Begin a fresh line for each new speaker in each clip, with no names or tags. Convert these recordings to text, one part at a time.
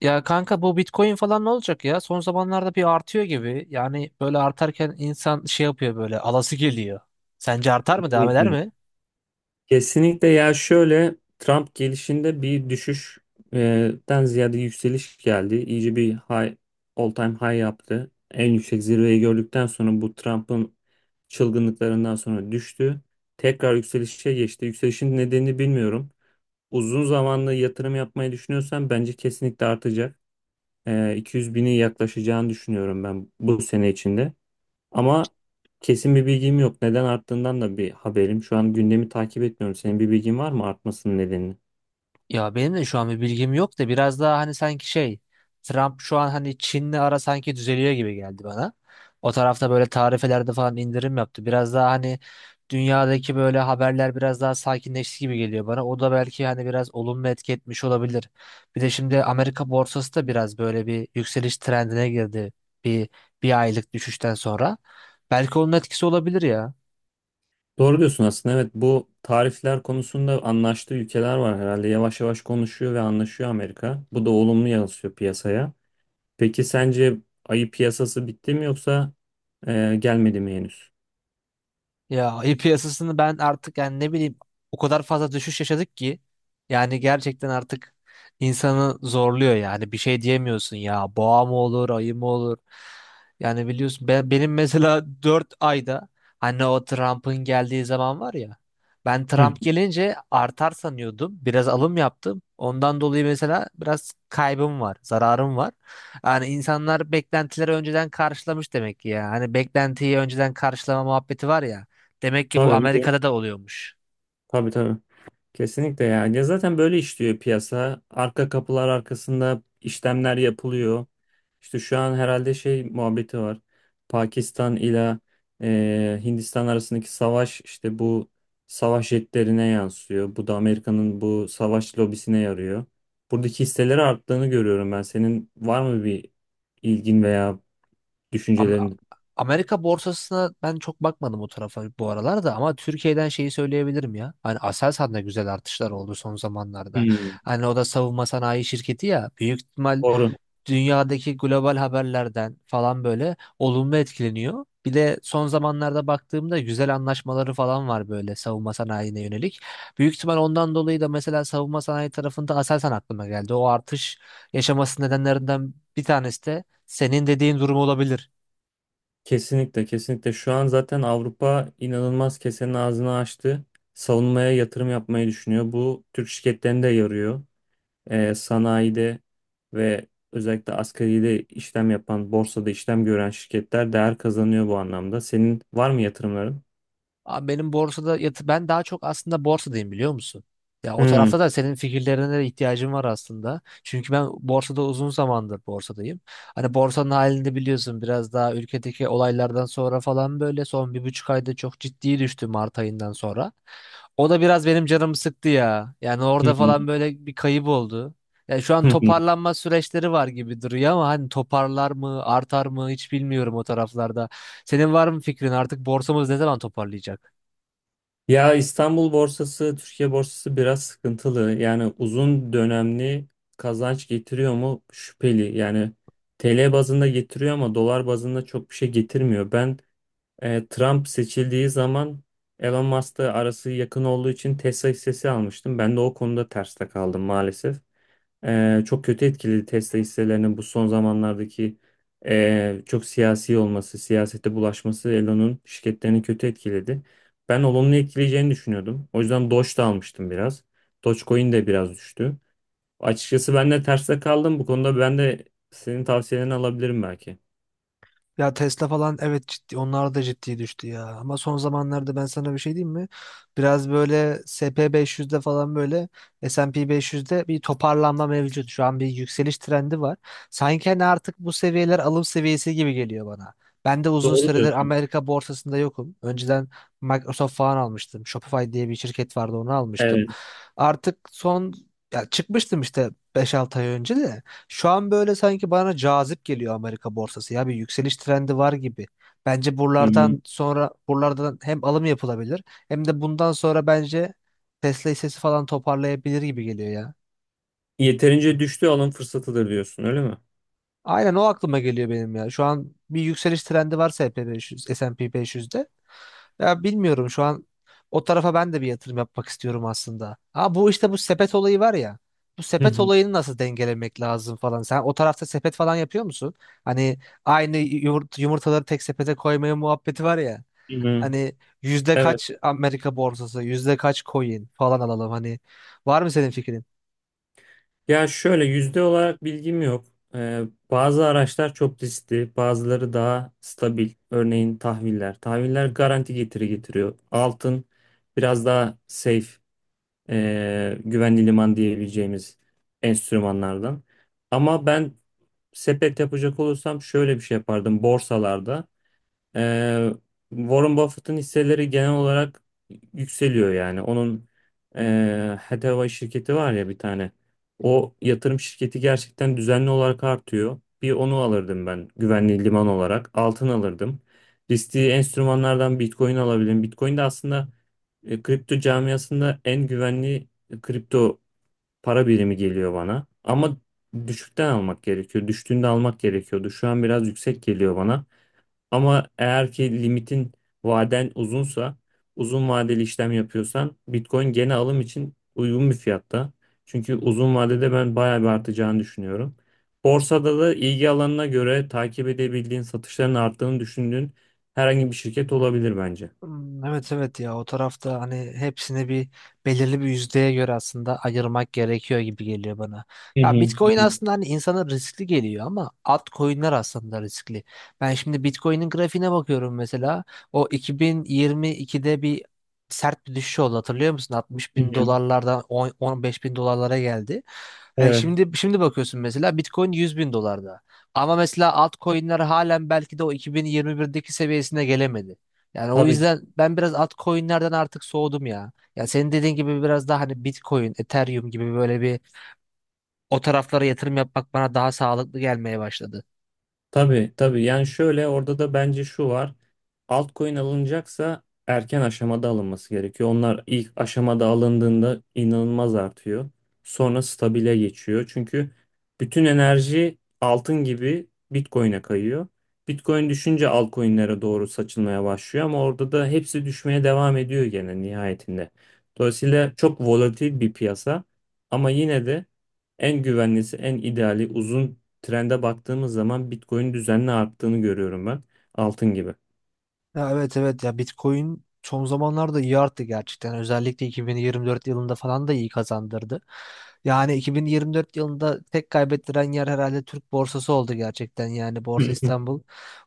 Ya kanka, bu Bitcoin falan ne olacak ya? Son zamanlarda bir artıyor gibi. Yani böyle artarken insan şey yapıyor, böyle alası geliyor. Sence artar mı? Devam eder
Kesinlikle.
mi?
Kesinlikle ya şöyle Trump gelişinde bir düşüşten ziyade yükseliş geldi. İyice bir high, all time high yaptı. En yüksek zirveyi gördükten sonra bu Trump'ın çılgınlıklarından sonra düştü. Tekrar yükselişe geçti. Yükselişin nedenini bilmiyorum. Uzun zamanlı yatırım yapmayı düşünüyorsan bence kesinlikle artacak. 200 bini yaklaşacağını düşünüyorum ben bu sene içinde. Ama kesin bir bilgim yok. Neden arttığından da bir haberim. Şu an gündemi takip etmiyorum. Senin bir bilgin var mı artmasının nedenini?
Ya benim de şu an bir bilgim yok da biraz daha hani, sanki şey, Trump şu an hani Çin'le ara sanki düzeliyor gibi geldi bana. O tarafta böyle tarifelerde falan indirim yaptı. Biraz daha hani dünyadaki böyle haberler biraz daha sakinleşti gibi geliyor bana. O da belki hani biraz olumlu etki etmiş olabilir. Bir de şimdi Amerika borsası da biraz böyle bir yükseliş trendine girdi, bir bir aylık düşüşten sonra. Belki onun etkisi olabilir ya.
Doğru diyorsun aslında. Evet, bu tarifler konusunda anlaştığı ülkeler var herhalde. Yavaş yavaş konuşuyor ve anlaşıyor Amerika. Bu da olumlu yansıyor piyasaya. Peki sence ayı piyasası bitti mi yoksa gelmedi mi henüz?
Ya ayı piyasasını ben artık, yani ne bileyim, o kadar fazla düşüş yaşadık ki, yani gerçekten artık insanı zorluyor. Yani bir şey diyemiyorsun ya, boğa mı olur, ayı mı olur. Yani biliyorsun benim mesela 4 ayda, hani o Trump'ın geldiği zaman var ya, ben
Hı.
Trump gelince artar sanıyordum, biraz alım yaptım ondan dolayı. Mesela biraz kaybım var, zararım var. Yani insanlar beklentileri önceden karşılamış demek ki. Ya hani, beklentiyi önceden karşılama muhabbeti var ya. Demek ki bu
Tabii,
Amerika'da da oluyormuş.
tabii tabii. Kesinlikle ya. Ya zaten böyle işliyor piyasa. Arka kapılar arkasında işlemler yapılıyor. İşte şu an herhalde şey muhabbeti var. Pakistan ile Hindistan arasındaki savaş işte bu savaş jetlerine yansıyor. Bu da Amerika'nın bu savaş lobisine yarıyor. Buradaki hisseleri arttığını görüyorum ben. Senin var mı bir ilgin veya
Am-
düşüncelerin?
Amerika borsasına ben çok bakmadım o tarafa bu aralar da, ama Türkiye'den şeyi söyleyebilirim ya. Hani Aselsan'da güzel artışlar oldu son zamanlarda.
Hmm.
Hani o da savunma sanayi şirketi ya. Büyük ihtimal
Doğru.
dünyadaki global haberlerden falan böyle olumlu etkileniyor. Bir de son zamanlarda baktığımda güzel anlaşmaları falan var, böyle savunma sanayine yönelik. Büyük ihtimal ondan dolayı da mesela savunma sanayi tarafında Aselsan aklıma geldi. O artış yaşaması nedenlerinden bir tanesi de senin dediğin durum olabilir.
Kesinlikle, kesinlikle şu an zaten Avrupa inanılmaz kesenin ağzını açtı. Savunmaya yatırım yapmayı düşünüyor. Bu Türk şirketlerine de yarıyor. Sanayide ve özellikle asgaride işlem yapan, borsada işlem gören şirketler değer kazanıyor bu anlamda. Senin var mı yatırımların?
Abi, ben daha çok aslında borsadayım, biliyor musun? Ya o tarafta
Hmm.
da senin fikirlerine de ihtiyacım var aslında. Çünkü ben borsada uzun zamandır borsadayım. Hani borsanın halini de biliyorsun, biraz daha ülkedeki olaylardan sonra falan böyle son 1,5 ayda çok ciddi düştü, Mart ayından sonra. O da biraz benim canımı sıktı ya. Yani orada falan böyle bir kayıp oldu. Yani şu an toparlanma süreçleri var gibi duruyor ama hani toparlar mı, artar mı, hiç bilmiyorum o taraflarda. Senin var mı fikrin, artık borsamız ne zaman toparlayacak?
Ya İstanbul borsası, Türkiye borsası biraz sıkıntılı. Yani uzun dönemli kazanç getiriyor mu? Şüpheli. Yani TL bazında getiriyor ama dolar bazında çok bir şey getirmiyor. Ben Trump seçildiği zaman Elon Musk'la arası yakın olduğu için Tesla hissesi almıştım. Ben de o konuda terste kaldım maalesef. Çok kötü etkiledi Tesla hisselerinin bu son zamanlardaki çok siyasi olması, siyasete bulaşması Elon'un şirketlerini kötü etkiledi. Ben olumlu etkileyeceğini düşünüyordum. O yüzden Doge da almıştım biraz. Dogecoin de biraz düştü. Açıkçası ben de terste kaldım. Bu konuda ben de senin tavsiyelerini alabilirim belki.
Ya Tesla falan, evet, ciddi, onlar da ciddi düştü ya. Ama son zamanlarda ben sana bir şey diyeyim mi? Biraz böyle SP 500'de falan, böyle S&P 500'de bir toparlanma mevcut. Şu an bir yükseliş trendi var. Sanki hani artık bu seviyeler alım seviyesi gibi geliyor bana. Ben de uzun
Doğru
süredir
diyorsun.
Amerika borsasında yokum. Önceden Microsoft falan almıştım. Shopify diye bir şirket vardı, onu almıştım.
Evet.
Artık son, ya çıkmıştım işte 5-6 ay önce de. Şu an böyle sanki bana cazip geliyor Amerika borsası ya, bir yükseliş trendi var gibi. Bence
Hı hı.
buralardan sonra, buralardan hem alım yapılabilir, hem de bundan sonra bence Tesla hissesi falan toparlayabilir gibi geliyor ya.
Yeterince düştü, alım fırsatıdır diyorsun, öyle mi?
Aynen, o aklıma geliyor benim ya. Şu an bir yükseliş trendi varsa S&P 500, S&P 500'de. Ya bilmiyorum, şu an o tarafa ben de bir yatırım yapmak istiyorum aslında. Ha, bu işte, bu sepet olayı var ya. Bu
Hı
sepet
hı.
olayını nasıl dengelemek lazım falan. Sen o tarafta sepet falan yapıyor musun? Hani aynı yumurtaları tek sepete koymaya muhabbeti var ya.
Hı hı.
Hani yüzde
Evet.
kaç Amerika borsası, yüzde kaç coin falan alalım. Hani var mı senin fikrin?
Ya şöyle, yüzde olarak bilgim yok. Ee, bazı araçlar çok riskli, bazıları daha stabil. Örneğin tahviller. Tahviller garanti getiri getiriyor. Altın biraz daha safe, güvenli liman diyebileceğimiz enstrümanlardan. Ama ben sepet yapacak olursam şöyle bir şey yapardım borsalarda. Ee, Warren Buffett'ın hisseleri genel olarak yükseliyor yani. Onun Hathaway şirketi var ya bir tane. O yatırım şirketi gerçekten düzenli olarak artıyor. Bir onu alırdım ben güvenli liman olarak. Altın alırdım. Riskli enstrümanlardan Bitcoin alabilirim. Bitcoin de aslında kripto camiasında en güvenli kripto para birimi geliyor bana. Ama düşükten almak gerekiyor. Düştüğünde almak gerekiyordu. Şu an biraz yüksek geliyor bana. Ama eğer ki limitin vaden uzunsa, uzun vadeli işlem yapıyorsan Bitcoin gene alım için uygun bir fiyatta. Çünkü uzun vadede ben bayağı bir artacağını düşünüyorum. Borsada da ilgi alanına göre takip edebildiğin, satışların arttığını düşündüğün herhangi bir şirket olabilir bence.
Hmm. Evet, evet, ya o tarafta hani hepsini bir, belirli bir yüzdeye göre aslında ayırmak gerekiyor gibi geliyor bana.
Hı
Ya Bitcoin
hı.
aslında hani insana riskli geliyor ama altcoin'ler aslında riskli. Ben şimdi Bitcoin'in grafiğine bakıyorum mesela, o 2022'de bir sert bir düşüş oldu, hatırlıyor musun? Altmış
Hı
bin
hı.
dolarlardan 10-15 bin dolarlara geldi. E,
Evet.
şimdi şimdi bakıyorsun mesela, Bitcoin 100 bin dolarda. Ama mesela altcoin'ler halen belki de o 2021'deki seviyesine gelemedi. Yani o
Tabii
yüzden ben biraz altcoin'lerden artık soğudum ya. Ya senin dediğin gibi biraz daha hani Bitcoin, Ethereum gibi böyle bir, o taraflara yatırım yapmak bana daha sağlıklı gelmeye başladı.
Tabii tabii yani şöyle orada da bence şu var. Altcoin alınacaksa erken aşamada alınması gerekiyor. Onlar ilk aşamada alındığında inanılmaz artıyor. Sonra stabile geçiyor. Çünkü bütün enerji altın gibi Bitcoin'e kayıyor. Bitcoin düşünce altcoin'lere doğru saçılmaya başlıyor ama orada da hepsi düşmeye devam ediyor gene nihayetinde. Dolayısıyla çok volatil bir piyasa ama yine de en güvenlisi, en ideali uzun trende baktığımız zaman Bitcoin düzenli arttığını görüyorum ben. Altın gibi.
Ya, evet, evet, ya Bitcoin son zamanlarda iyi arttı gerçekten. Özellikle 2024 yılında falan da iyi kazandırdı. Yani 2024 yılında tek kaybettiren yer herhalde Türk borsası oldu, gerçekten yani,
Hı
Borsa
hı.
İstanbul.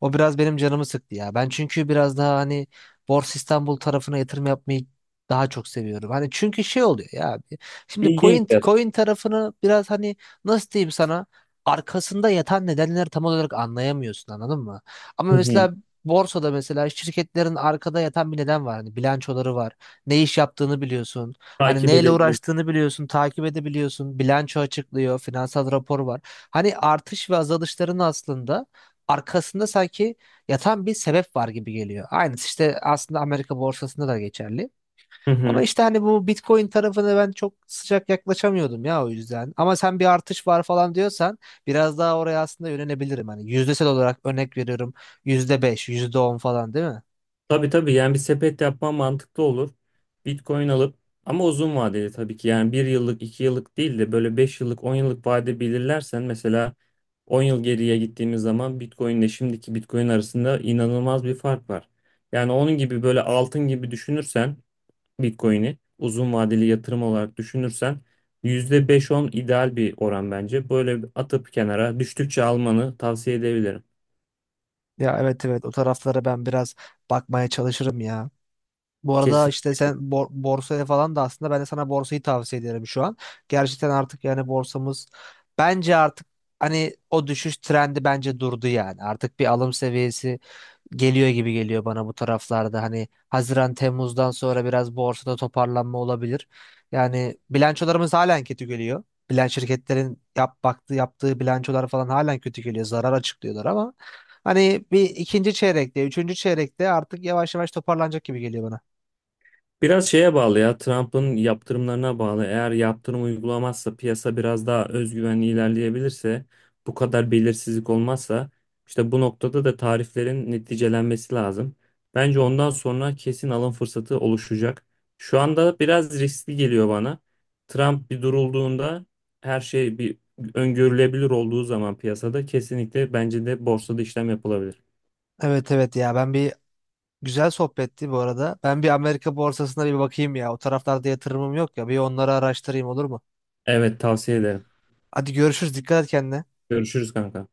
O biraz benim canımı sıktı ya. Ben çünkü biraz daha hani Borsa İstanbul tarafına yatırım yapmayı daha çok seviyorum. Hani çünkü şey oluyor ya, abi. Şimdi
İlginç
coin
ya.
coin tarafını biraz hani, nasıl diyeyim sana, arkasında yatan nedenleri tam olarak anlayamıyorsun, anladın mı? Ama
Hı hı.
mesela borsada, mesela şirketlerin arkada yatan bir neden var. Hani bilançoları var. Ne iş yaptığını biliyorsun. Hani
Takip
neyle
edebilirim.
uğraştığını biliyorsun. Takip edebiliyorsun. Bilanço açıklıyor. Finansal rapor var. Hani artış ve azalışların aslında arkasında sanki yatan bir sebep var gibi geliyor. Aynısı işte aslında Amerika borsasında da geçerli.
Hı
Ama
hı.
işte hani bu Bitcoin tarafına ben çok sıcak yaklaşamıyordum ya, o yüzden. Ama sen bir artış var falan diyorsan, biraz daha oraya aslında yönelebilirim. Hani yüzdesel olarak örnek veriyorum, %5, yüzde on falan, değil mi?
Tabii, tabii, yani bir sepet yapman mantıklı olur. Bitcoin alıp, ama uzun vadeli tabii ki, yani 1 yıllık 2 yıllık değil de böyle 5 yıllık 10 yıllık vade belirlersen mesela 10 yıl geriye gittiğimiz zaman Bitcoin ile şimdiki Bitcoin arasında inanılmaz bir fark var. Yani onun gibi böyle altın gibi düşünürsen Bitcoin'i uzun vadeli yatırım olarak düşünürsen %5-10 ideal bir oran bence. Böyle bir atıp kenara düştükçe almanı tavsiye edebilirim.
Ya, evet, evet, o taraflara ben biraz bakmaya çalışırım ya. Bu arada
Kesin.
işte sen borsaya falan da, aslında ben de sana borsayı tavsiye ederim şu an. Gerçekten artık yani borsamız, bence artık hani o düşüş trendi bence durdu yani. Artık bir alım seviyesi geliyor gibi geliyor bana, bu taraflarda. Hani Haziran Temmuz'dan sonra biraz borsada toparlanma olabilir. Yani bilançolarımız halen kötü geliyor. Bilen şirketlerin yaptığı bilançolar falan halen kötü geliyor. Zarar açıklıyorlar ama hani bir ikinci çeyrekte, üçüncü çeyrekte artık yavaş yavaş toparlanacak gibi geliyor bana.
Biraz şeye bağlı ya, Trump'ın yaptırımlarına bağlı. Eğer yaptırım uygulamazsa, piyasa biraz daha özgüvenli ilerleyebilirse, bu kadar belirsizlik olmazsa, işte bu noktada da tariflerin neticelenmesi lazım. Bence ondan sonra kesin alım fırsatı oluşacak. Şu anda biraz riskli geliyor bana. Trump bir durulduğunda, her şey bir öngörülebilir olduğu zaman piyasada kesinlikle bence de borsada işlem yapılabilir.
Evet, evet, ya, ben bir güzel sohbetti bu arada. Ben bir Amerika borsasına bir bakayım ya. O taraflarda yatırımım yok ya. Bir onları araştırayım, olur mu?
Evet, tavsiye ederim.
Hadi görüşürüz. Dikkat et kendine.
Görüşürüz kanka.